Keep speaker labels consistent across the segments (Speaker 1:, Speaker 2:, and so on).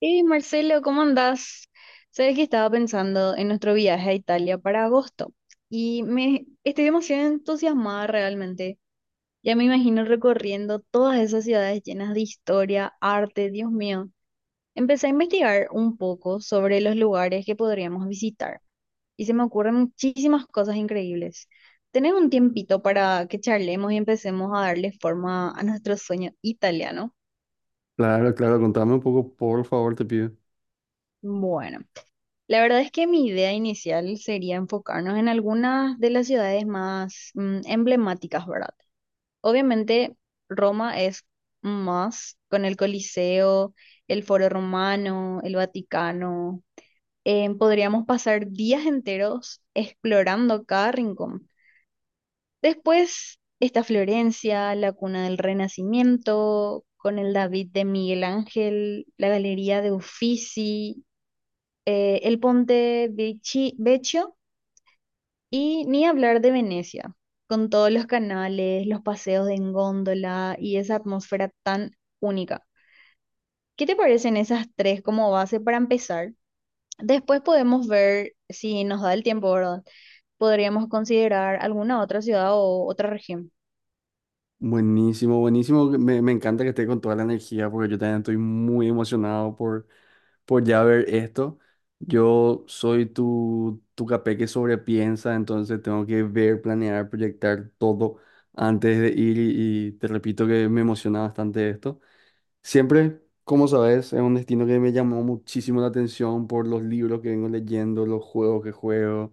Speaker 1: Hey Marcelo, ¿cómo andás? Sabes que estaba pensando en nuestro viaje a Italia para agosto y me estoy demasiado entusiasmada realmente. Ya me imagino recorriendo todas esas ciudades llenas de historia, arte, Dios mío. Empecé a investigar un poco sobre los lugares que podríamos visitar y se me ocurren muchísimas cosas increíbles. ¿Tenés un tiempito para que charlemos y empecemos a darle forma a nuestro sueño italiano?
Speaker 2: Claro, claro, contame un poco, por favor, te pido.
Speaker 1: Bueno, la verdad es que mi idea inicial sería enfocarnos en algunas de las ciudades más emblemáticas, ¿verdad? Obviamente Roma, es más con el Coliseo, el Foro Romano, el Vaticano. Podríamos pasar días enteros explorando cada rincón. Después está Florencia, la cuna del Renacimiento, con el David de Miguel Ángel, la Galería de Uffizi, el Ponte Vecchio. Y ni hablar de Venecia, con todos los canales, los paseos en góndola y esa atmósfera tan única. ¿Qué te parecen esas tres como base para empezar? Después podemos ver, si nos da el tiempo, ¿verdad? Podríamos considerar alguna otra ciudad o otra región.
Speaker 2: Buenísimo, buenísimo. Me encanta que esté con toda la energía porque yo también estoy muy emocionado por ya ver esto. Yo soy tu capé que sobrepiensa, entonces tengo que ver, planear, proyectar todo antes de ir y te repito que me emociona bastante esto. Siempre, como sabes, es un destino que me llamó muchísimo la atención por los libros que vengo leyendo, los juegos que juego.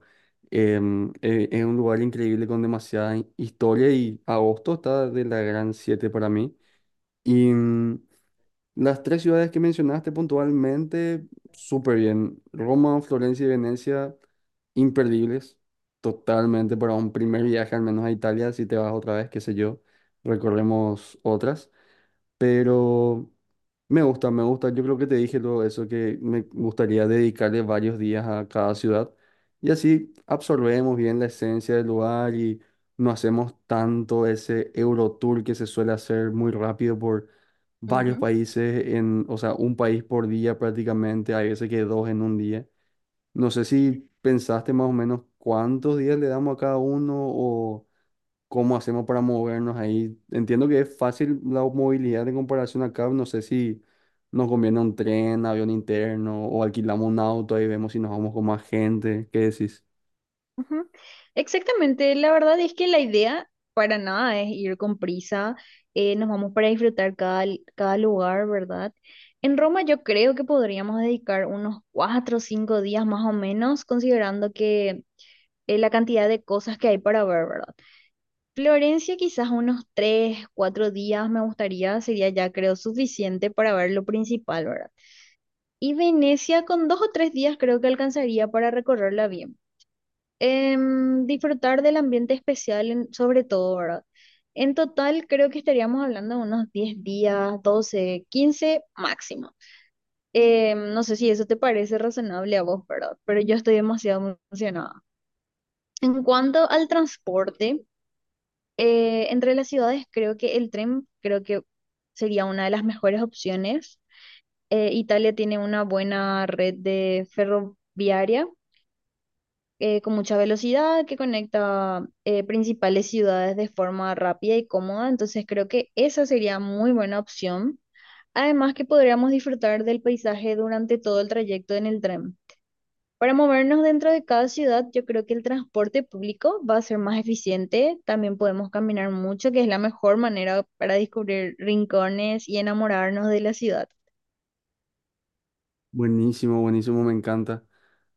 Speaker 2: Es un lugar increíble con demasiada historia y agosto está de la gran siete para mí. Y las tres ciudades que mencionaste puntualmente, súper bien. Roma, Florencia y Venecia, imperdibles. Totalmente para un primer viaje, al menos a Italia, si te vas otra vez, qué sé yo, recorremos otras. Pero… Me gusta, me gusta. Yo creo que te dije todo eso, que me gustaría dedicarle varios días a cada ciudad y así absorbemos bien la esencia del lugar y no hacemos tanto ese Eurotour que se suele hacer muy rápido por varios países, en, o sea, un país por día prácticamente, hay veces que dos en un día. No sé si pensaste más o menos cuántos días le damos a cada uno. ¿Cómo hacemos para movernos ahí? Entiendo que es fácil la movilidad en comparación acá. No sé si nos conviene un tren, avión interno o alquilamos un auto. Ahí vemos si nos vamos con más gente. ¿Qué decís?
Speaker 1: Ujú. Exactamente, la verdad es que la idea para nada es ir con prisa. Nos vamos para disfrutar cada lugar, ¿verdad? En Roma yo creo que podríamos dedicar unos 4 o 5 días más o menos, considerando que la cantidad de cosas que hay para ver, ¿verdad? Florencia quizás unos 3, 4 días me gustaría, sería ya creo suficiente para ver lo principal, ¿verdad? Y Venecia con 2 o 3 días creo que alcanzaría para recorrerla bien. Disfrutar del ambiente especial sobre todo, ¿verdad? En total creo que estaríamos hablando de unos 10 días, 12, 15 máximo. No sé si eso te parece razonable a vos, ¿verdad? Pero yo estoy demasiado emocionada. En cuanto al transporte, entre las ciudades creo que el tren creo que sería una de las mejores opciones. Italia tiene una buena red de ferroviaria, con mucha velocidad, que conecta principales ciudades de forma rápida y cómoda. Entonces creo que esa sería muy buena opción. Además, que podríamos disfrutar del paisaje durante todo el trayecto en el tren. Para movernos dentro de cada ciudad, yo creo que el transporte público va a ser más eficiente. También podemos caminar mucho, que es la mejor manera para descubrir rincones y enamorarnos de la ciudad.
Speaker 2: Buenísimo, buenísimo, me encanta.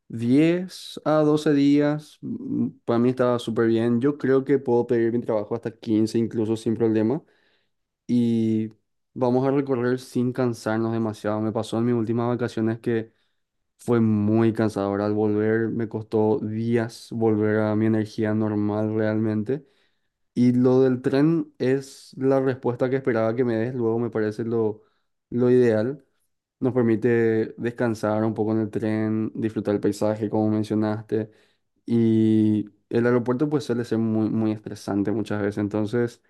Speaker 2: 10 a 12 días, para mí estaba súper bien. Yo creo que puedo pedir mi trabajo hasta 15 incluso sin problema. Y vamos a recorrer sin cansarnos demasiado. Me pasó en mis últimas vacaciones que fue muy cansador al volver, me costó días volver a mi energía normal realmente. Y lo del tren es la respuesta que esperaba que me des, luego me parece lo ideal. Nos permite descansar un poco en el tren, disfrutar el paisaje, como mencionaste. Y el aeropuerto pues suele ser muy estresante muchas veces, entonces…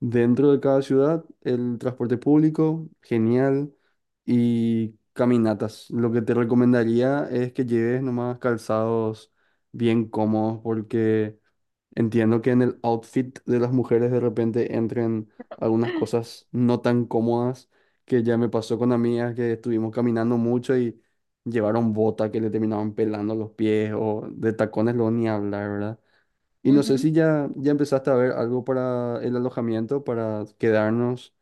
Speaker 2: Dentro de cada ciudad, el transporte público, genial, y caminatas. Lo que te recomendaría es que lleves nomás calzados bien cómodos, porque entiendo que en el outfit de las mujeres de repente entren algunas cosas no tan cómodas, que ya me pasó con amigas que estuvimos caminando mucho y llevaron bota que le terminaban pelando los pies, o de tacones luego ni hablar, ¿verdad? Y no sé
Speaker 1: Ujú,
Speaker 2: si ya empezaste a ver algo para el alojamiento, para quedarnos.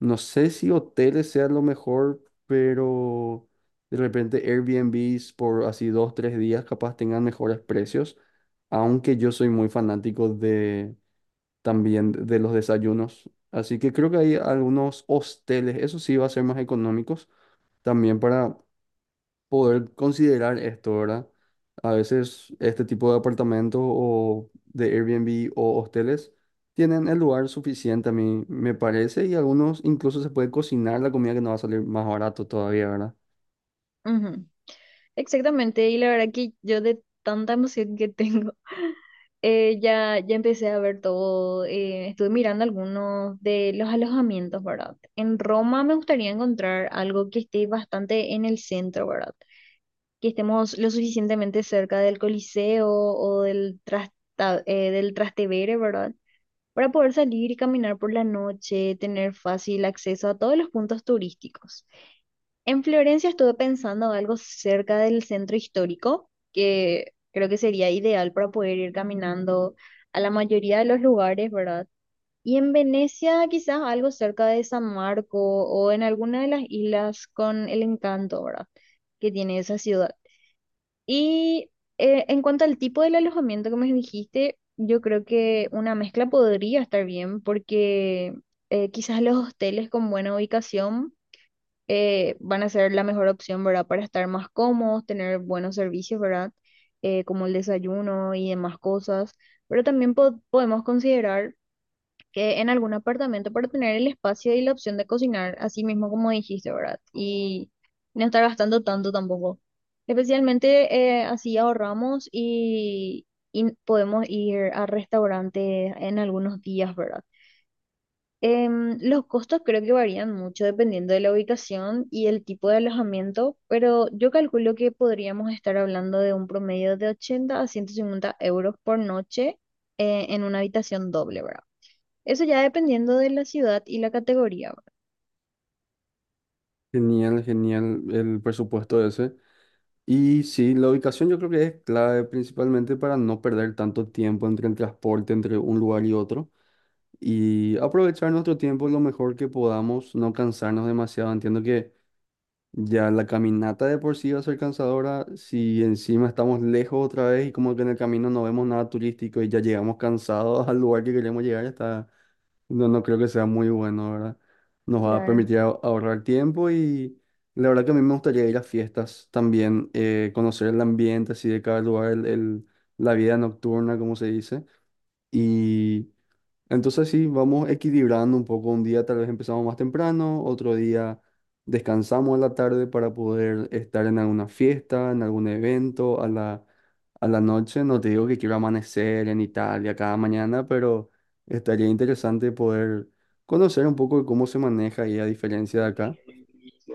Speaker 2: No sé si hoteles sea lo mejor, pero de repente Airbnbs por así dos, tres días capaz tengan mejores precios. Aunque yo soy muy fanático de también de los desayunos. Así que creo que hay algunos hosteles, eso sí va a ser más económicos, también para poder considerar esto, ¿verdad? A veces este tipo de apartamentos o de Airbnb o hosteles tienen el lugar suficiente, a mí me parece, y algunos incluso se puede cocinar la comida que nos va a salir más barato todavía, ¿verdad?
Speaker 1: ujú. Exactamente, y la verdad que yo, de tanta emoción que tengo, ya empecé a ver todo. Estuve mirando algunos de los alojamientos, ¿verdad? En Roma me gustaría encontrar algo que esté bastante en el centro, ¿verdad? Que estemos lo suficientemente cerca del Coliseo o del Trastevere, ¿verdad? Para poder salir y caminar por la noche, tener fácil acceso a todos los puntos turísticos. En Florencia estuve pensando algo cerca del centro histórico, que creo que sería ideal para poder ir caminando a la mayoría de los lugares, ¿verdad? Y en Venecia quizás algo cerca de San Marco o en alguna de las islas, con el encanto, ¿verdad? Que tiene esa ciudad. Y en cuanto al tipo del alojamiento que me dijiste, yo creo que una mezcla podría estar bien, porque quizás los hosteles con buena ubicación van a ser la mejor opción, ¿verdad? Para estar más cómodos, tener buenos servicios, ¿verdad? Como el desayuno y demás cosas. Pero también podemos considerar que en algún apartamento, para tener el espacio y la opción de cocinar, así mismo como dijiste, ¿verdad? Y no estar gastando tanto tampoco. Especialmente, así ahorramos y podemos ir a restaurantes en algunos días, ¿verdad? Los costos creo que varían mucho dependiendo de la ubicación y el tipo de alojamiento, pero yo calculo que podríamos estar hablando de un promedio de 80 a 150 euros por noche, en una habitación doble, ¿verdad? Eso ya, dependiendo de la ciudad y la categoría, ¿verdad?
Speaker 2: Genial, genial el presupuesto ese. Y sí, la ubicación yo creo que es clave principalmente para no perder tanto tiempo entre el transporte, entre un lugar y otro, y aprovechar nuestro tiempo lo mejor que podamos, no cansarnos demasiado. Entiendo que… Ya la caminata de por sí va a ser cansadora si encima estamos lejos otra vez y como que en el camino no vemos nada turístico y ya llegamos cansados al lugar que queremos llegar, está, no creo que sea muy bueno, ¿verdad? Nos va a
Speaker 1: Claro.
Speaker 2: permitir ahorrar tiempo y la verdad que a mí me gustaría ir a fiestas también, conocer el ambiente así de cada lugar, la vida nocturna, como se dice. Entonces sí, vamos equilibrando un poco. Un día tal vez empezamos más temprano, otro día descansamos a la tarde para poder estar en alguna fiesta, en algún evento, a la noche. No te digo que quiero amanecer en Italia cada mañana, pero estaría interesante poder conocer un poco de cómo se maneja ahí a diferencia de acá.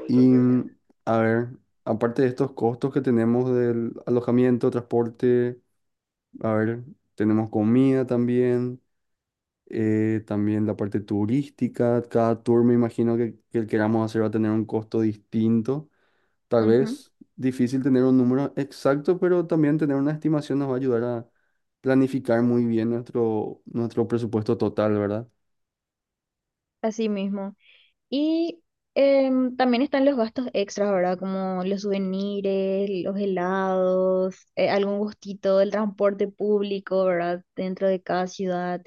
Speaker 2: Y a ver, aparte de estos costos que tenemos del alojamiento, transporte, a ver, tenemos comida también también la parte turística, cada tour me imagino que el queramos hacer va a tener un costo distinto, tal
Speaker 1: Ujú.
Speaker 2: vez difícil tener un número exacto, pero también tener una estimación nos va a ayudar a planificar muy bien nuestro presupuesto total, ¿verdad?
Speaker 1: Así mismo. Y también están los gastos extras, ¿verdad? Como los souvenirs, los helados, algún gustito, el transporte público, ¿verdad? Dentro de cada ciudad.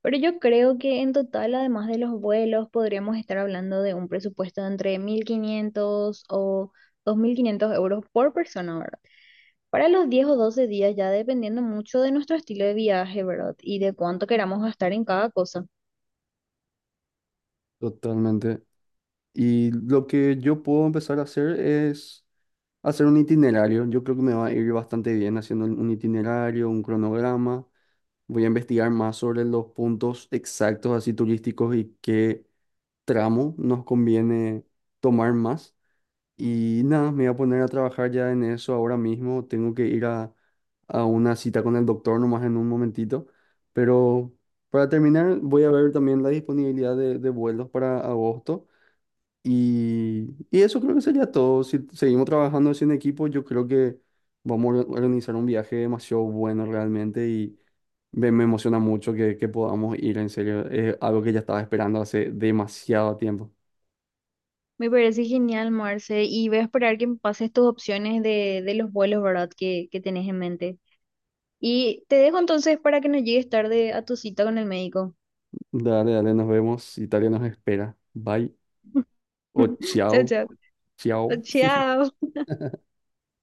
Speaker 1: Pero yo creo que en total, además de los vuelos, podríamos estar hablando de un presupuesto de entre 1.500 o 2.500 euros por persona, ¿verdad? Para los 10 o 12 días, ya dependiendo mucho de nuestro estilo de viaje, ¿verdad? Y de cuánto queramos gastar en cada cosa.
Speaker 2: Totalmente. Y lo que yo puedo empezar a hacer es hacer un itinerario. Yo creo que me va a ir bastante bien haciendo un itinerario, un cronograma. Voy a investigar más sobre los puntos exactos así turísticos y qué tramo nos conviene tomar más. Y nada, me voy a poner a trabajar ya en eso ahora mismo. Tengo que ir a una cita con el doctor nomás en un momentito. Pero para terminar, voy a ver también la disponibilidad de vuelos para agosto. Y eso creo que sería todo. Si seguimos trabajando así en equipo, yo creo que vamos a organizar un viaje demasiado bueno realmente. Y me emociona mucho que podamos ir, en serio. Es algo que ya estaba esperando hace demasiado tiempo.
Speaker 1: Me parece genial, Marce, y voy a esperar que me pases tus opciones de los vuelos, ¿verdad? Que tenés en mente. Y te dejo entonces para que no llegues tarde a tu cita con el médico.
Speaker 2: Dale, dale, nos vemos. Italia nos espera. Bye o
Speaker 1: Chao,
Speaker 2: chao,
Speaker 1: chao.
Speaker 2: chao.
Speaker 1: Chao.